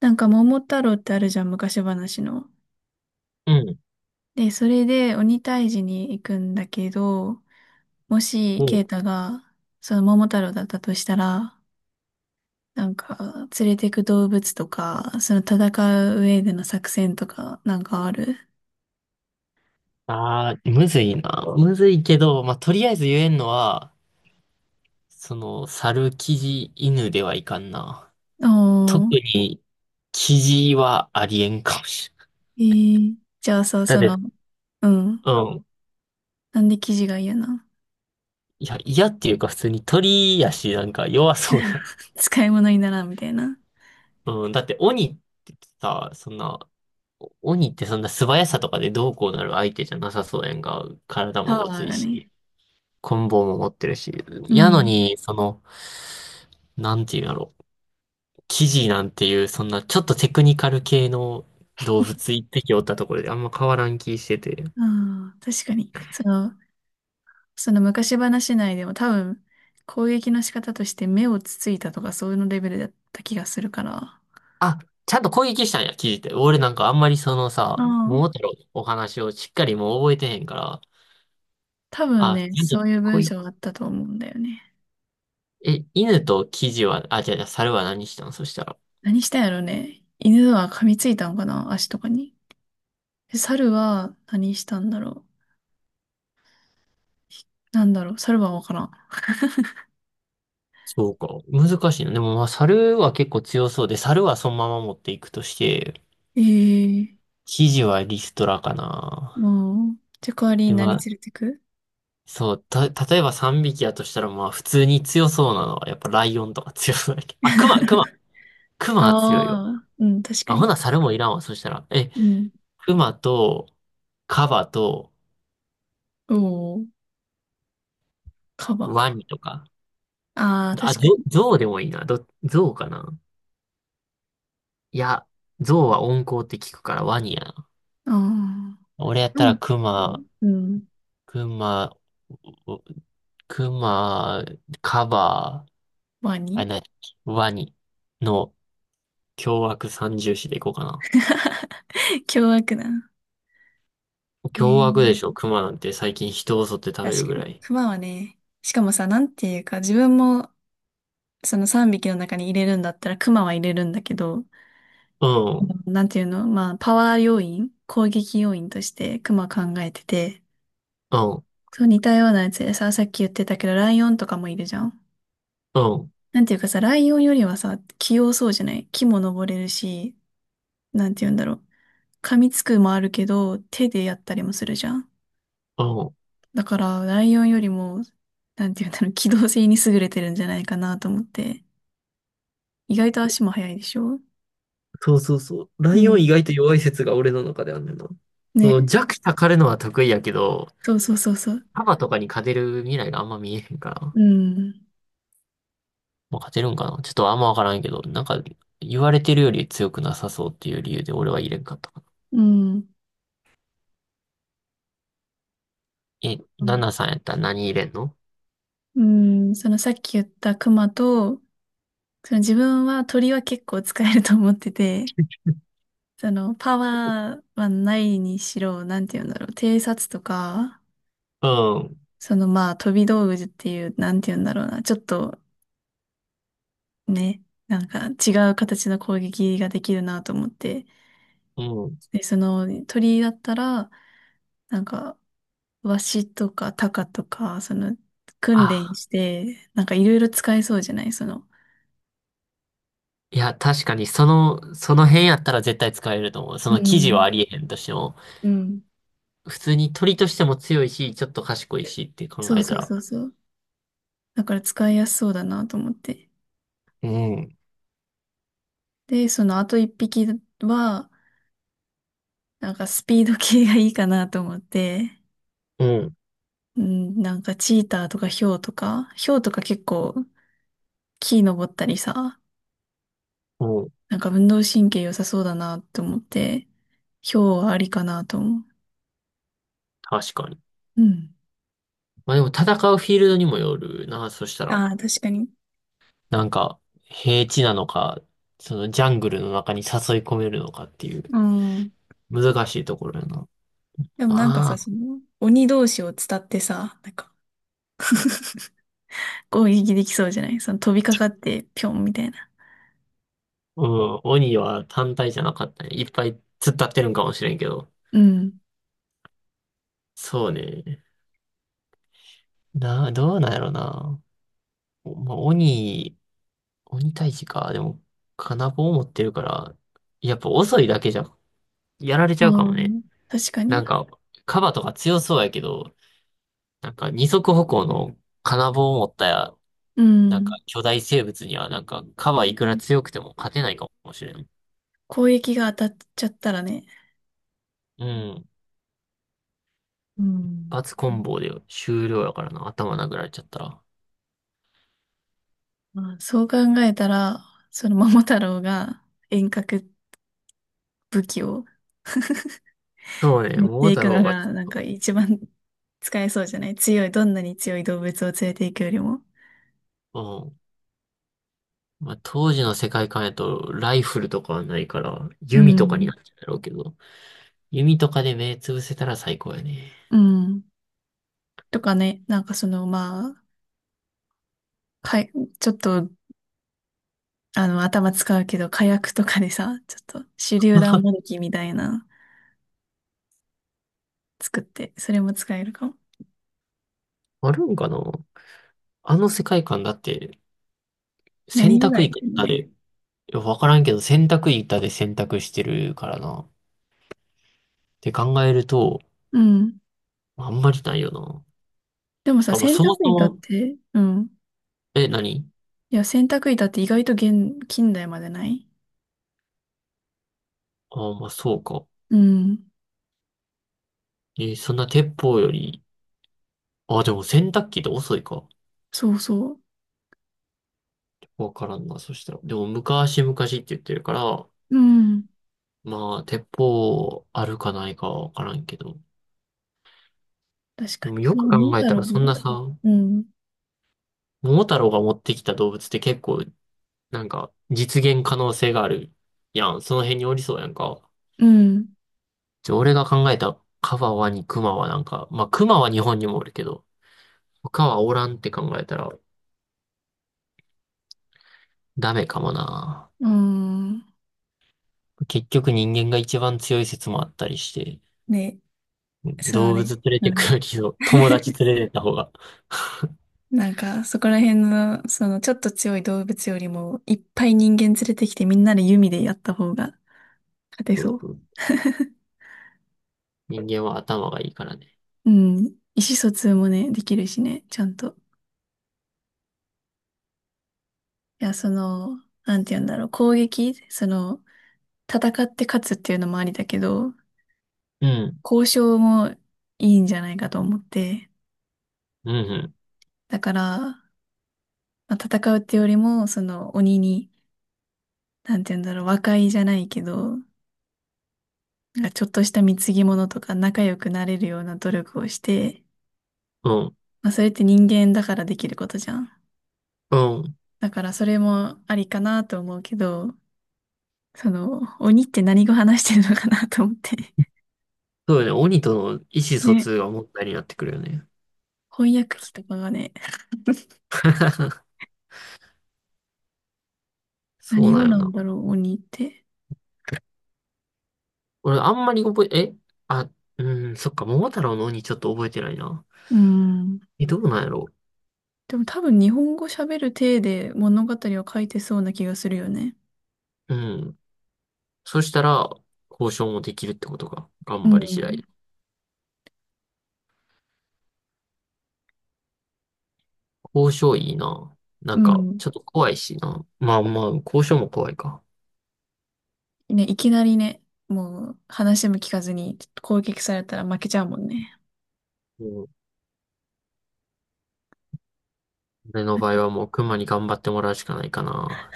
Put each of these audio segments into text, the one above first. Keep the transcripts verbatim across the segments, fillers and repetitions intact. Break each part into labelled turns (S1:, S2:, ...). S1: なんか桃太郎ってあるじゃん、昔話の。
S2: うん、
S1: で、それで鬼退治に行くんだけど、もし、
S2: う
S1: ケイ
S2: ん。
S1: タが、その桃太郎だったとしたら、なんか、連れてく動物とか、その戦う上での作戦とか、なんかある？
S2: ああ、むずいな。むずいけど、まあ、とりあえず言えんのは、その、猿、キジ、犬ではいかんな。特
S1: おー。
S2: に、キジはありえんかもしれん。
S1: えー、じゃあそう、
S2: だっ
S1: その、
S2: て、
S1: うん。
S2: うん。
S1: なんで生地が嫌な？
S2: いや、嫌っていうか普通に鳥やし、なんか弱そうや。
S1: 使い物にならんみたいな。
S2: うん。だって鬼ってさ、そんな、鬼ってそんな素早さとかでどうこうなる相手じゃなさそうやんか。体も
S1: パ
S2: ご
S1: ワ
S2: つ
S1: ー
S2: い
S1: がね。
S2: し、棍棒も持ってるし。
S1: う
S2: やの
S1: ん。
S2: に、その、なんていうんやろ。キジなんていう、そんなちょっとテクニカル系の動物一匹おったところであんま変わらん気してて。
S1: ああ、確かに。その、その昔話内でも多分攻撃の仕方として目をつついたとか、そういうのレベルだった気がするから。あ
S2: あ、ちゃんと攻撃したんや、キジって。俺なんかあんまりそのさ、
S1: あ、
S2: 桃太郎のお話をしっかりもう覚えてへんから、
S1: 多分
S2: あ、
S1: ね、
S2: ちゃんと
S1: そういう
S2: 攻
S1: 文
S2: 撃、
S1: 章があったと思うんだよね。
S2: え、犬とキジは、あ、じゃあ、じゃあ猿は何したんそしたら。
S1: 何したんやろね。犬は噛みついたのかな、足とかに。で猿は何したんだろう。なんだろう。猿はわからん。
S2: そうか。難しいな。でもまあ、猿は結構強そうで、猿はそのまま持っていくとして、
S1: ええー、
S2: キジはリストラかな。
S1: もう、じゃあ代わりに
S2: で、ま
S1: 何
S2: あ、
S1: 連れてく？
S2: そう、た、例えばさんびきやとしたら、まあ、普通に強そうなのは、やっぱライオンとか強そうだけど。あ、クマ、ク マ、クマは強いわ。
S1: ああ、うん、確か
S2: あ、ほ
S1: に。
S2: な、猿もいらんわ。そしたら、え、
S1: うん。
S2: クマと、カバと、
S1: おお、カバ
S2: ワ
S1: か。
S2: ニとか。
S1: ああ、
S2: あ、
S1: 確
S2: ゾ
S1: か
S2: ウ、
S1: に。
S2: ゾウでもいいな。ど、ゾウかな。いや、ゾウは温厚って聞くからワニやな。
S1: ああ。
S2: 俺やったら
S1: 何？
S2: クマ、
S1: うん。
S2: クマ、おクマ、カバー、
S1: ワ
S2: あ、
S1: ニ。
S2: な、ワニの凶悪三重士でいこうかな。
S1: 凶悪な。え
S2: 凶悪でし
S1: ー、
S2: ょ、熊なんて最近人を襲って食べ
S1: 確
S2: る
S1: か
S2: ぐら
S1: に。
S2: い。
S1: クマはね、しかもさ、なんていうか、自分もそのさんびきの中に入れるんだったらクマは入れるんだけど、
S2: うん、うん、
S1: なんていうの、まあ、パワー要因、攻撃要因としてクマ考えてて、そう、似たようなやつでさ、さっき言ってたけど、ライオンとかもいるじゃん。
S2: うん、
S1: なんていうかさ、ライオンよりはさ、器用そうじゃない？木も登れるし、なんていうんだろう。噛みつくもあるけど、手でやったりもするじゃん。
S2: うん。
S1: だから、ライオンよりも、なんていうんだろう、機動性に優れてるんじゃないかなと思って。意外と足も速いでしょ？
S2: そうそうそう。ラ
S1: う
S2: イオ
S1: ん。
S2: ン意外と弱い説が俺の中であんねんな。その
S1: ね。
S2: 弱者狩るのは得意やけど、
S1: そうそうそうそう。
S2: カとかに勝てる未来があんま見えへんから。
S1: うん。
S2: まあ、勝てるんかなちょっとあんまわからんけど、なんか言われてるより強くなさそうっていう理由で俺は入れんかったかな。
S1: うん。
S2: え、ナナさんやったら何入れんの？
S1: うん。そのさっき言ったクマと、その自分は鳥は結構使えると思ってて、そのパワーはないにしろ、なんていうんだろう、偵察とか、
S2: うん、
S1: そのまあ飛び道具っていう、なんていうんだろうな、ちょっとね、なんか違う形の攻撃ができるなと思って、
S2: うん。
S1: で、そのね鳥だったら、なんか、ワシとかタカとか、その、訓練
S2: あ、
S1: して、なんかいろいろ使えそうじゃない？その、
S2: いや、確かにその、その辺やったら絶対使えると思う。そ
S1: う
S2: の記事は
S1: ん、
S2: ありえへんとしても。
S1: うん。
S2: 普通に鳥としても強いし、ちょっと賢いしって考
S1: そう
S2: えた
S1: そう
S2: ら。
S1: そうそう。だから使いやすそうだなと思って。
S2: うん、
S1: で、そのあと一匹は、なんかスピード系がいいかなと思って、
S2: うん、
S1: うん、なんかチーターとかヒョウとか、ヒョウとか結構木登ったりさ、
S2: うん、
S1: なんか運動神経良さそうだなと思って、ヒョウはありかなと思
S2: 確かに。
S1: う。うん。
S2: まあでも戦うフィールドにもよるな、そしたら。
S1: ああ、確かに。
S2: なんか、平地なのか、そのジャングルの中に誘い込めるのかっていう、
S1: うん。
S2: 難しいところやな。
S1: でもなんかさ、
S2: まあ、
S1: その、鬼同士を伝ってさ、なんか、攻撃できそうじゃない？その飛びかかって、ぴょんみたいな。
S2: うん、鬼は単体じゃなかったね。いっぱい突っ立ってるんかもしれんけど。
S1: うん。
S2: そうね。な、どうなんやろな。まあ、鬼、鬼退治か。でも、金棒を持ってるから、やっぱ遅いだけじゃやられちゃうか
S1: う
S2: もね。
S1: ん。確か
S2: なん
S1: に。
S2: か、カバとか強そうやけど、なんか二足歩行の金棒を持ったや、
S1: う
S2: なん
S1: ん。
S2: か巨大生物にはなんかカバいくら強くても勝てないかもしれん。
S1: 攻撃が当たっちゃったらね。
S2: うん。
S1: う
S2: 一
S1: ん。
S2: 発コンボで終了やからな。頭殴られちゃったら。
S1: まあ、そう考えたら、その桃太郎が遠隔武器を
S2: そうね、
S1: 持っ
S2: 桃
S1: てい
S2: 太
S1: くの
S2: 郎が、
S1: が、なんか一番使えそうじゃない？強い、どんなに強い動物を連れていくよりも。
S2: うん。まあ、当時の世界観やとライフルとかはないから、
S1: う
S2: 弓とかにな
S1: ん。
S2: っちゃうんだろうけど、弓とかで目つぶせたら最高やね。
S1: うん。とかね、なんかその、まあ、かい、ちょっと、あの、頭使うけど、火薬とかでさ、ちょっと手榴弾もどきみたいなの作って、それも使えるかも。
S2: あるんかなあの世界観だって、選
S1: 何時
S2: 択
S1: 代っ
S2: いく
S1: ていうの
S2: らで。
S1: ね。
S2: いや、わからんけど、洗濯板で洗濯してるからな。って考えると、
S1: うん。
S2: あんまりないよな。
S1: でも
S2: て
S1: さ、
S2: か、まあ、
S1: 洗
S2: そもそ
S1: 濯板っ
S2: も、
S1: て、うん。
S2: え、何。
S1: いや、洗濯板って意外と現、近代までない。
S2: ああ、まあ、そうか。
S1: うん。
S2: えーそんな鉄砲より、ああ、でも洗濯機って遅いか。
S1: そうそ
S2: わからんな、そしたら。でも、昔々って言ってるから、
S1: う。うん。
S2: まあ、鉄砲あるかないかはわからんけど。
S1: 確
S2: で
S1: か
S2: も、よ
S1: に。
S2: く
S1: もう、桃
S2: 考え
S1: 太
S2: た
S1: 郎
S2: ら、そんな
S1: も。
S2: さ、
S1: うん。
S2: 桃太郎が持ってきた動物って結構、なんか、実現可能性があるやん。その辺におりそうやんか。
S1: うん。
S2: じゃあ俺が考えたカバワにクマはなんか、まあクマは日本にもおるけど、他はおらんって考えたらダメかもな。
S1: うん。
S2: 結局人間が一番強い説もあったりして、
S1: ね。そう
S2: 動
S1: ね。
S2: 物連れ
S1: う
S2: てくよ
S1: ん。
S2: りも友 達連れてった方が、
S1: なんか、そこら辺の、その、ちょっと強い動物よりも、いっぱい人間連れてきてみんなで弓でやった方が勝て
S2: そう
S1: そ
S2: そ
S1: う。
S2: う人間は頭がいいからね。
S1: うん。意思疎通もね、できるしね、ちゃんと。いや、その、なんて言うんだろう、攻撃、その、戦って勝つっていうのもありだけど、
S2: うん、
S1: 交渉もいいんじゃないかと思って。
S2: うん、
S1: だから、まあ、戦うってよりも、その、鬼に、なんて言うんだろう、和解じゃないけど、なんかちょっとした貢ぎ物とか仲良くなれるような努力をして、
S2: うん、
S1: まあ、それって人間だからできることじゃん。
S2: うん、うん。
S1: だからそれもありかなと思うけど、その、鬼って何語話してるのかなと思って。
S2: そうよね。鬼との意思疎
S1: ね。
S2: 通が問題になってくるよね。
S1: 翻訳機とかがね、
S2: そう
S1: 何
S2: な
S1: 語
S2: んよ
S1: なん
S2: な。
S1: だろう、鬼って。
S2: 俺あんまり覚え、えあ、うん、そっか、桃太郎の鬼ちょっと覚えてないな。
S1: うん。
S2: え、どうなんやろ
S1: でも多分日本語喋る体で物語を書いてそうな気がするよね。
S2: う。うん。そしたら、交渉もできるってことか。
S1: う
S2: 頑張り次
S1: ん。
S2: 第。交渉いいな。な
S1: う
S2: んか、
S1: ん。
S2: ちょっと怖いしな。まあまあ、交渉も怖いか。
S1: ね、いきなりね、もう話も聞かずに攻撃されたら負けちゃうもんね。
S2: うん。俺の場合はもう熊に頑張ってもらうしかないかな。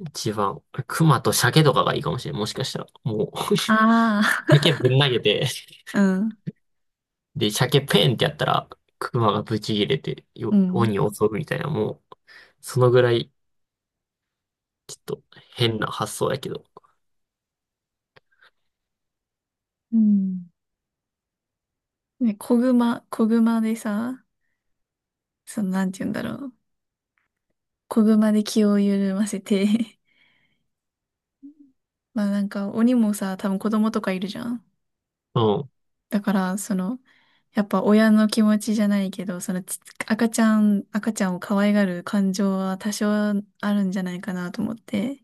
S2: 一番。熊と鮭とかがいいかもしれん。もしかしたら。もう
S1: あ あ。
S2: 鮭ぶん投げて、
S1: うん。
S2: で、鮭ペンってやったら、熊がブチ切れて、
S1: う
S2: よ、
S1: ん。
S2: 鬼を襲うみたいな、もう、そのぐらい、ちょっと変な発想やけど。
S1: うん。ね、子熊、子熊でさ、その、なんて言うんだろう。子熊で気を緩ませて。 まあなんか、鬼もさ、多分子供とかいるじゃん。
S2: う
S1: だから、その、やっぱ親の気持ちじゃないけど、そのち、赤ちゃん、赤ちゃんを可愛がる感情は多少あるんじゃないかなと思って。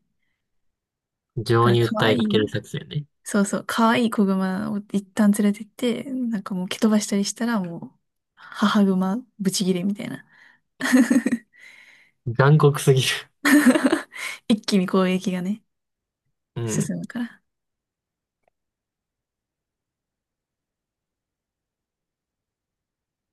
S2: ん。
S1: だか
S2: 情
S1: ら、
S2: に
S1: 可
S2: 訴え
S1: 愛
S2: か
S1: い、
S2: ける作戦ね。
S1: そうそう、可愛い子熊を一旦連れてって、なんかもう蹴飛ばしたりしたらもう、母熊ブチギレみたいな。
S2: 残酷すぎる。
S1: 一気に攻撃がね、
S2: うん。
S1: 進むから。